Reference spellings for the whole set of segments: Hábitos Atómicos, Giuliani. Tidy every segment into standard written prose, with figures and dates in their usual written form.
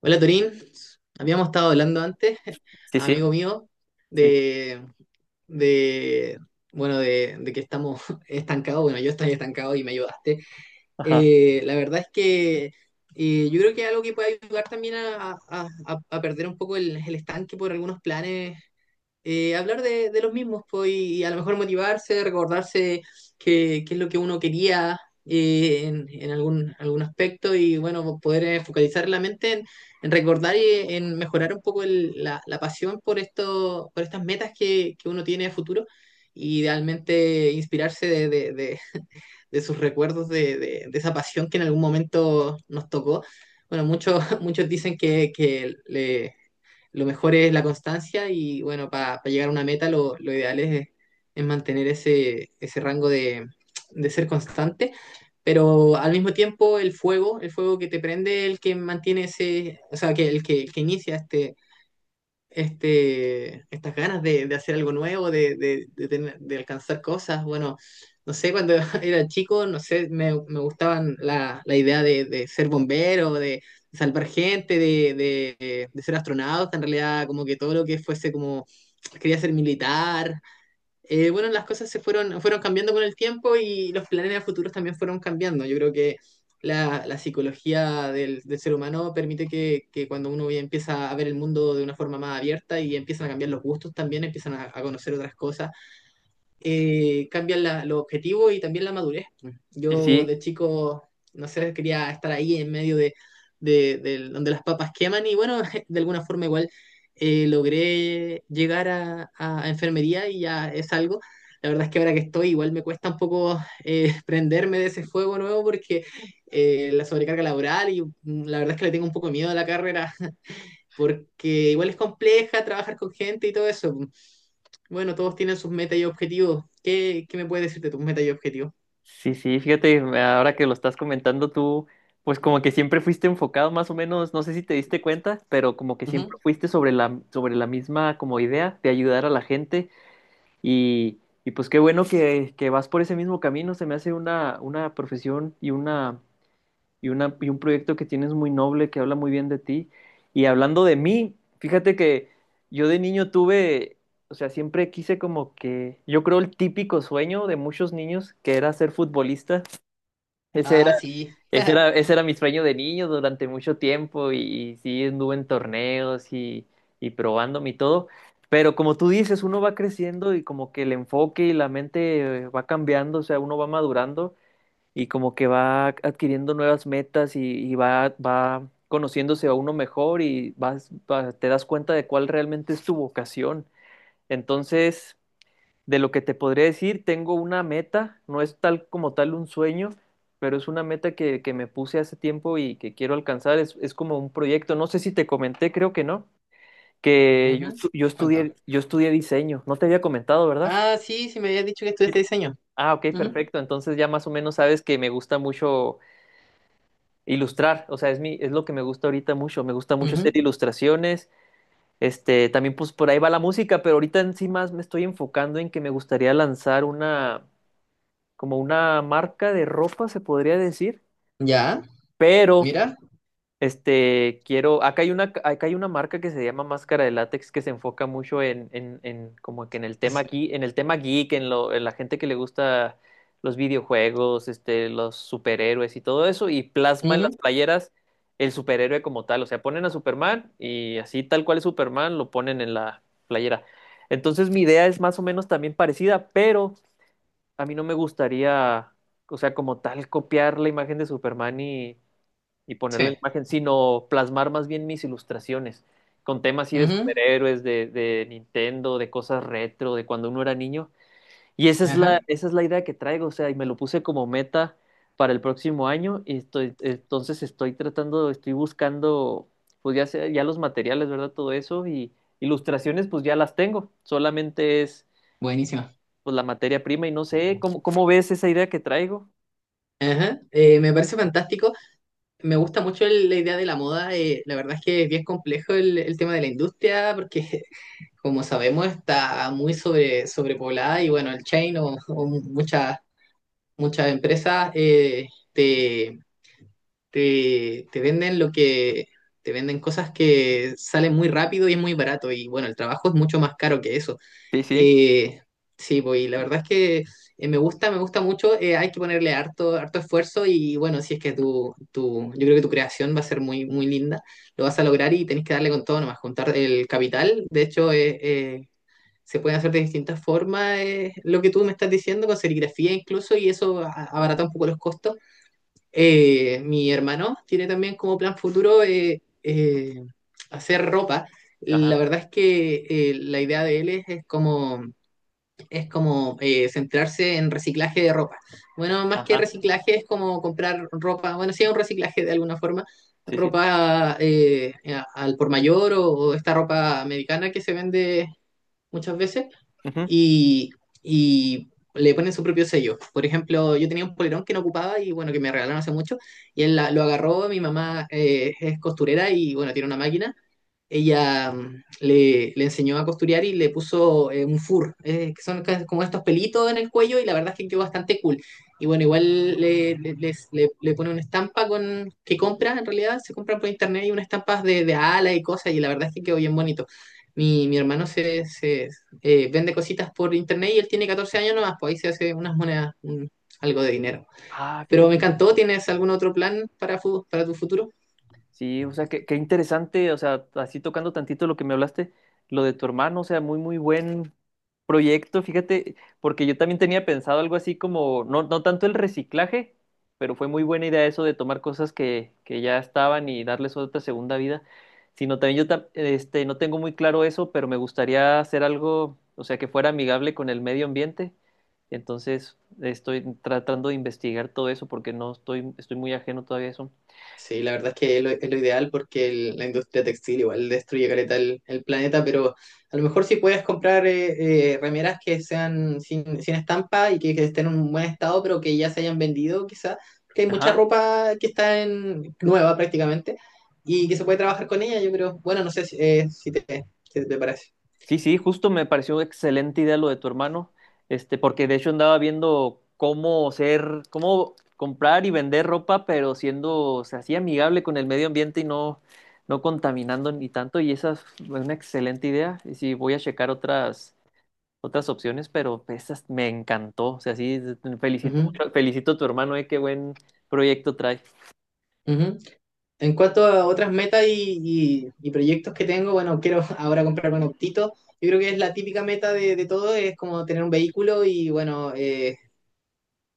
Hola Torín, habíamos estado hablando antes, Sí, amigo sí, mío, sí, de, de bueno, de que estamos estancados, bueno, yo estoy estancado y me ayudaste. ajá, La verdad es que yo creo que es algo que puede ayudar también a perder un poco el estanque por algunos planes, hablar de los mismos, pues, y a lo mejor motivarse, recordarse qué es lo que uno quería, en algún aspecto, y bueno, poder focalizar la mente en recordar y en mejorar un poco la pasión por esto, por estas metas que uno tiene a futuro. Y idealmente inspirarse de sus recuerdos, de esa pasión que en algún momento nos tocó. Bueno, muchos, muchos dicen que lo mejor es la constancia, y bueno, para llegar a una meta lo ideal es mantener ese rango de ser constante, pero al mismo tiempo el fuego que te prende, el que mantiene ese, o sea, que el que inicia estas ganas de hacer algo nuevo, de tener- de alcanzar cosas. Bueno, no sé, cuando era chico, no sé, me gustaban la idea de ser bombero, de salvar gente, de ser astronauta, en realidad como que todo lo que fuese como, quería ser militar. Bueno, las cosas fueron cambiando con el tiempo, y los planes a futuros también fueron cambiando. Yo creo que la psicología del ser humano permite que cuando uno ya empieza a ver el mundo de una forma más abierta, y empiezan a cambiar los gustos también, empiezan a conocer otras cosas, cambian los objetivos y también la madurez. sí, Yo sí, de chico, no sé, quería estar ahí en medio de donde las papas queman, y bueno, de alguna forma igual logré llegar a enfermería, y ya es algo. La verdad es que ahora que estoy igual me cuesta un poco prenderme de ese fuego nuevo, porque la sobrecarga laboral, y la verdad es que le tengo un poco de miedo a la carrera, porque igual es compleja trabajar con gente y todo eso. Bueno, todos tienen sus metas y objetivos. ¿Qué me puedes decir de tus metas y objetivos? sí, sí, fíjate, ahora que lo estás comentando tú, pues como que siempre fuiste enfocado más o menos, no sé si te diste cuenta, pero como que Ujú. siempre fuiste sobre sobre la misma como idea de ayudar a la gente y, y pues qué bueno que vas por ese mismo camino, se me hace una profesión y una y, una, y un proyecto que tienes muy noble, que habla muy bien de ti. Y hablando de mí, fíjate que yo de niño tuve, o sea, siempre quise como que, yo creo el típico sueño de muchos niños, que era ser futbolista. Ese era, Ah, sí. ese era, ese era mi sueño de niño durante mucho tiempo y sí, anduve en torneos y probándome y todo. Pero como tú dices, uno va creciendo y como que el enfoque y la mente va cambiando, o sea, uno va madurando y como que va adquiriendo nuevas metas y va, va conociéndose a uno mejor y vas, va- te das cuenta de cuál realmente es tu vocación. Entonces, de lo que te podría decir, tengo una meta, no es tal como tal un sueño, pero es una meta que me puse hace tiempo y que quiero alcanzar. Es como un proyecto, no sé si te comenté, creo que no, que yo, Ujú. estu- yo Cuéntame. estudié, yo estudié diseño, no te había comentado, ¿verdad? Ah, sí, sí me habías dicho que estudiaste diseño. Ah, ok, Ujú. perfecto. Entonces ya más o menos sabes que me gusta mucho ilustrar, o sea, es mi, es lo que me gusta ahorita mucho, me gusta mucho hacer Ujú. ilustraciones, este, también pues por ahí va la música, pero ahorita en sí más me estoy enfocando en que me gustaría lanzar una, como una marca de ropa, se podría decir, Ya, pero mira. este, quiero, acá hay una marca que se llama Máscara de Látex que se enfoca mucho en como que en el tema Así. geek, en el tema geek, en lo, en la gente que le gusta los videojuegos, este, los superhéroes y todo eso, y plasma en las Ujú. playeras el superhéroe como tal. O sea, ponen a Superman y así tal cual es Superman, lo ponen en la playera. Entonces, mi idea es más o menos también parecida, pero a mí no me gustaría, o sea, como tal, copiar la imagen de Superman y Sí. ponerle la imagen, sino plasmar más bien mis ilustraciones con temas así de Ujú. superhéroes, de Nintendo, de cosas retro, de cuando uno era niño. Y Ajá. esa es la idea que traigo, o sea, y me lo puse como meta para el próximo año y estoy, entonces estoy tratando, estoy buscando, pues ya, sea- ya los materiales, ¿verdad? Todo eso y ilustraciones, pues ya las tengo, solamente es Buenísimo. pues la materia prima y no sé, ¿cómo, cómo ves esa idea que traigo? Ajá, me parece fantástico. Me gusta mucho la idea de la moda. La verdad es que es bien complejo el tema de la industria, porque como sabemos, está muy sobrepoblada, y bueno, el chain o muchas empresas, te, te venden lo que, te venden cosas que salen muy rápido y es muy barato, y bueno, el trabajo es mucho más caro que eso. Sí, sí. Eh, sí, pues, y la verdad es que me gusta mucho. Hay que ponerle harto, harto esfuerzo, y bueno, si es que yo creo que tu creación va a ser muy, muy linda, lo vas a lograr, y tenés que darle con todo nomás, juntar el capital. De hecho, se pueden hacer de distintas formas, lo que tú me estás diciendo, con serigrafía incluso, y eso abarata un poco los costos. Mi hermano tiene también como plan futuro, hacer ropa. La Ajá, verdad es que la idea de él es como, centrarse en reciclaje de ropa. Bueno, más que ajá, reciclaje es como comprar ropa, bueno, sí, un reciclaje de alguna forma, sí, sí. ropa al por mayor o esta ropa americana que se vende muchas veces, Ujú. y, y le ponen su propio sello. Por ejemplo, yo tenía un polerón que no ocupaba, y bueno, que me regalaron hace mucho, y él lo agarró. Mi mamá es costurera, y bueno, tiene una máquina. Ella, le enseñó a costurear, y le puso un fur, que son como estos pelitos en el cuello, y la verdad es que quedó bastante cool. Y bueno, igual le pone una estampa con que compra, en realidad se compran por internet, y unas estampas de alas y cosas, y la verdad es que quedó bien bonito. Mi hermano se vende cositas por internet, y él tiene 14 años nomás, pues ahí se hace unas monedas, algo de dinero. Ah, Pero me fíjate. encantó. ¿Tienes algún otro plan para tu futuro? Sí, o sea, qué, qué interesante, o sea, así tocando tantito lo que me hablaste, lo de tu hermano, o sea, muy, muy buen proyecto, fíjate, porque yo también tenía pensado algo así como, no, no tanto el reciclaje, pero fue muy buena idea eso de tomar cosas que ya estaban y darles otra segunda vida, sino también yo, tam- este, no tengo muy claro eso, pero me gustaría hacer algo, o sea, que fuera amigable con el medio ambiente, entonces estoy tratando de investigar todo eso porque no estoy, estoy muy ajeno todavía a eso. Sí, la verdad es que es lo ideal, porque la industria textil igual destruye caleta el planeta, pero a lo mejor si puedes comprar, remeras que sean sin estampa y que estén en un buen estado, pero que ya se hayan vendido quizá, porque hay mucha Ajá. ropa que está nueva prácticamente, y que se puede trabajar con ella, yo creo. Bueno, no sé si te parece. Sí, sí, justo me pareció excelente idea lo de tu hermano, este, porque de hecho andaba viendo cómo ser, cómo comprar y vender ropa, pero siendo, o sea, así amigable con el medio ambiente y no, no contaminando ni tanto, y esa es una excelente idea, y sí, voy a checar otras, otras opciones, pero esas me encantó, o sea, sí, felicito, Ujú, mucho- felicito a tu hermano, qué buen proyecto trae. ujú. En cuanto a otras metas y proyectos que tengo, bueno, quiero ahora comprarme un optito. Yo creo que es la típica meta de todo, es como tener un vehículo, y bueno,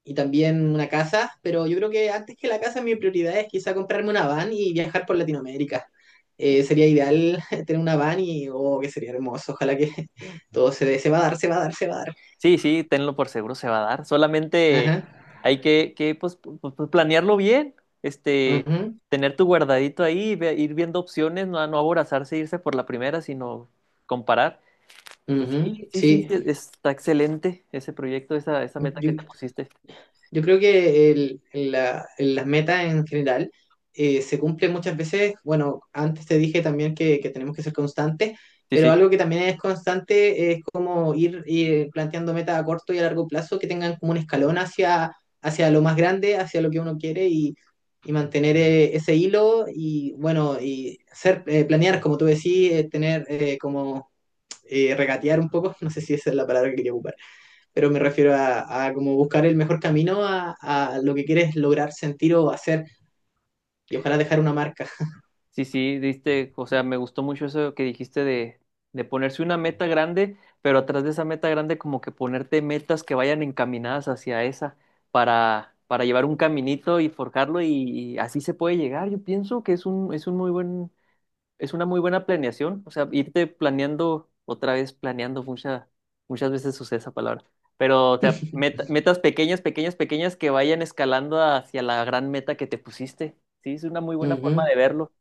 y también una casa, pero yo creo que antes que la casa mi prioridad es quizá comprarme una van y viajar por Latinoamérica. Sería ideal tener una van y, oh, que sería hermoso. Ojalá que todo se dé, se va a dar, se va a dar, se va a dar. Sí, sí, tenlo por seguro se va a dar. Ajá, Solamente hay que, pues, pu- pu- pu- planearlo bien, este, ujú, tener tu guardadito ahí, ve- ir viendo opciones, no, no aborazarse, e irse por la primera, sino comparar. Y sí, ujú, sí, sí, sí, sí. está excelente ese proyecto, esa meta que Yo- te pusiste. Yo creo que las metas en general se cumplen muchas veces. Bueno, antes te dije también que tenemos que ser constantes, Sí, pero sí. algo que también es constante es como ir planteando metas a corto y a largo plazo que tengan como un escalón hacia lo más grande, hacia lo que uno quiere, y mantener ese hilo, y bueno, y planear, como tú decís, tener como regatear un poco, no sé si esa es la palabra que quería ocupar, pero me refiero a como buscar el mejor camino a lo que quieres lograr, sentir o hacer, y ojalá dejar una marca. Sí, sí, diste, o sea, me gustó mucho eso que dijiste de ponerse una meta grande, pero atrás de esa meta grande como que ponerte metas que vayan encaminadas hacia esa para llevar un caminito y forjarlo y así se puede llegar. Yo pienso que es un muy buen, es una muy buena planeación, o sea, irte planeando, otra vez planeando, mucha, muchas veces usé esa palabra, pero o sea, meta- metas pequeñas, pequeñas, pequeñas que vayan escalando hacia la gran meta que te pusiste. Sí, es una muy buena forma de Ujú. verlo.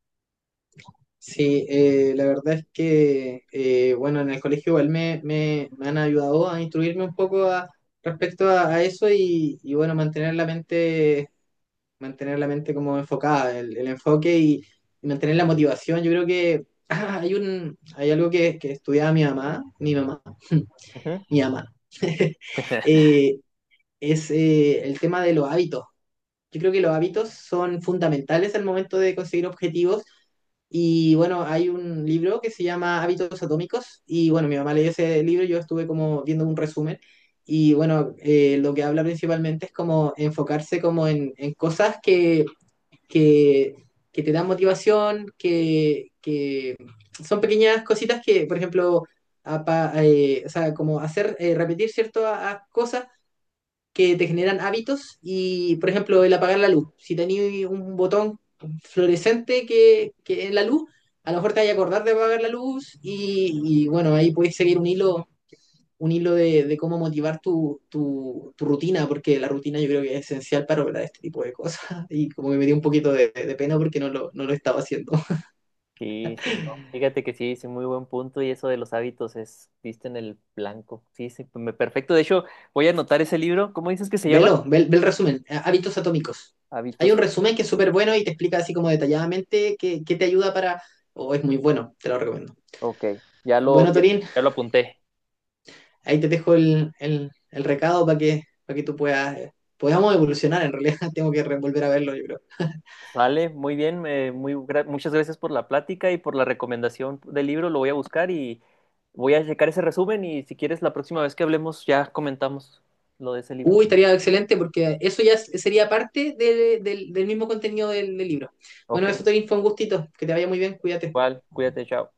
Sí, la verdad es que, bueno, en el colegio igual me han ayudado a instruirme un poco respecto a eso, y, bueno, mantener la mente como enfocada, el enfoque y mantener la motivación. Yo creo que hay algo que estudiaba mi mamá. Eh, es el tema de los hábitos. Yo creo que los hábitos son fundamentales al momento de conseguir objetivos, y bueno, hay un libro que se llama Hábitos Atómicos, y bueno, mi mamá leyó ese libro, yo estuve como viendo un resumen, y bueno, lo que habla principalmente es como enfocarse, como en cosas que, que te dan motivación, que son pequeñas cositas que, por ejemplo, o sea, como hacer, repetir ciertas cosas que te generan hábitos. Y, por ejemplo, el apagar la luz. Si tenías un botón fluorescente que en la luz, a lo mejor te vas a acordar de apagar la luz. Y bueno, ahí puedes seguir un hilo de cómo motivar tu rutina, porque la rutina yo creo que es esencial para lograr este tipo de cosas, y como que me dio un poquito de pena, porque no lo estaba haciendo. Sí, sí, no. Fíjate que sí, sí, muy buen punto y eso de los hábitos es, diste en el blanco. Sí, sí, me- perfecto. De hecho, voy a anotar ese libro. ¿Cómo dices que se llama? Velo, ve el resumen, hábitos atómicos. Hay un Hábitos. resumen que es súper bueno, y te explica así como detalladamente qué te ayuda para... es muy bueno, te lo recomiendo. Ok, ya lo, Bueno, ya, Torín, ya lo apunté. ahí te dejo el recado para que, tú puedas, podamos evolucionar. En realidad, tengo que volver a verlo, yo creo. Sale, muy bien, me- muy, gra- muchas gracias por la plática y por la recomendación del libro. Lo voy a buscar y voy a checar ese resumen y si quieres la próxima vez que hablemos ya comentamos lo de ese libro. Uy, estaría excelente porque eso ya sería parte del del mismo contenido del libro. Ok, Bueno, eso, Torín, fue un gustito. Que te vaya muy bien, cuídate. igual, cuídate, chao.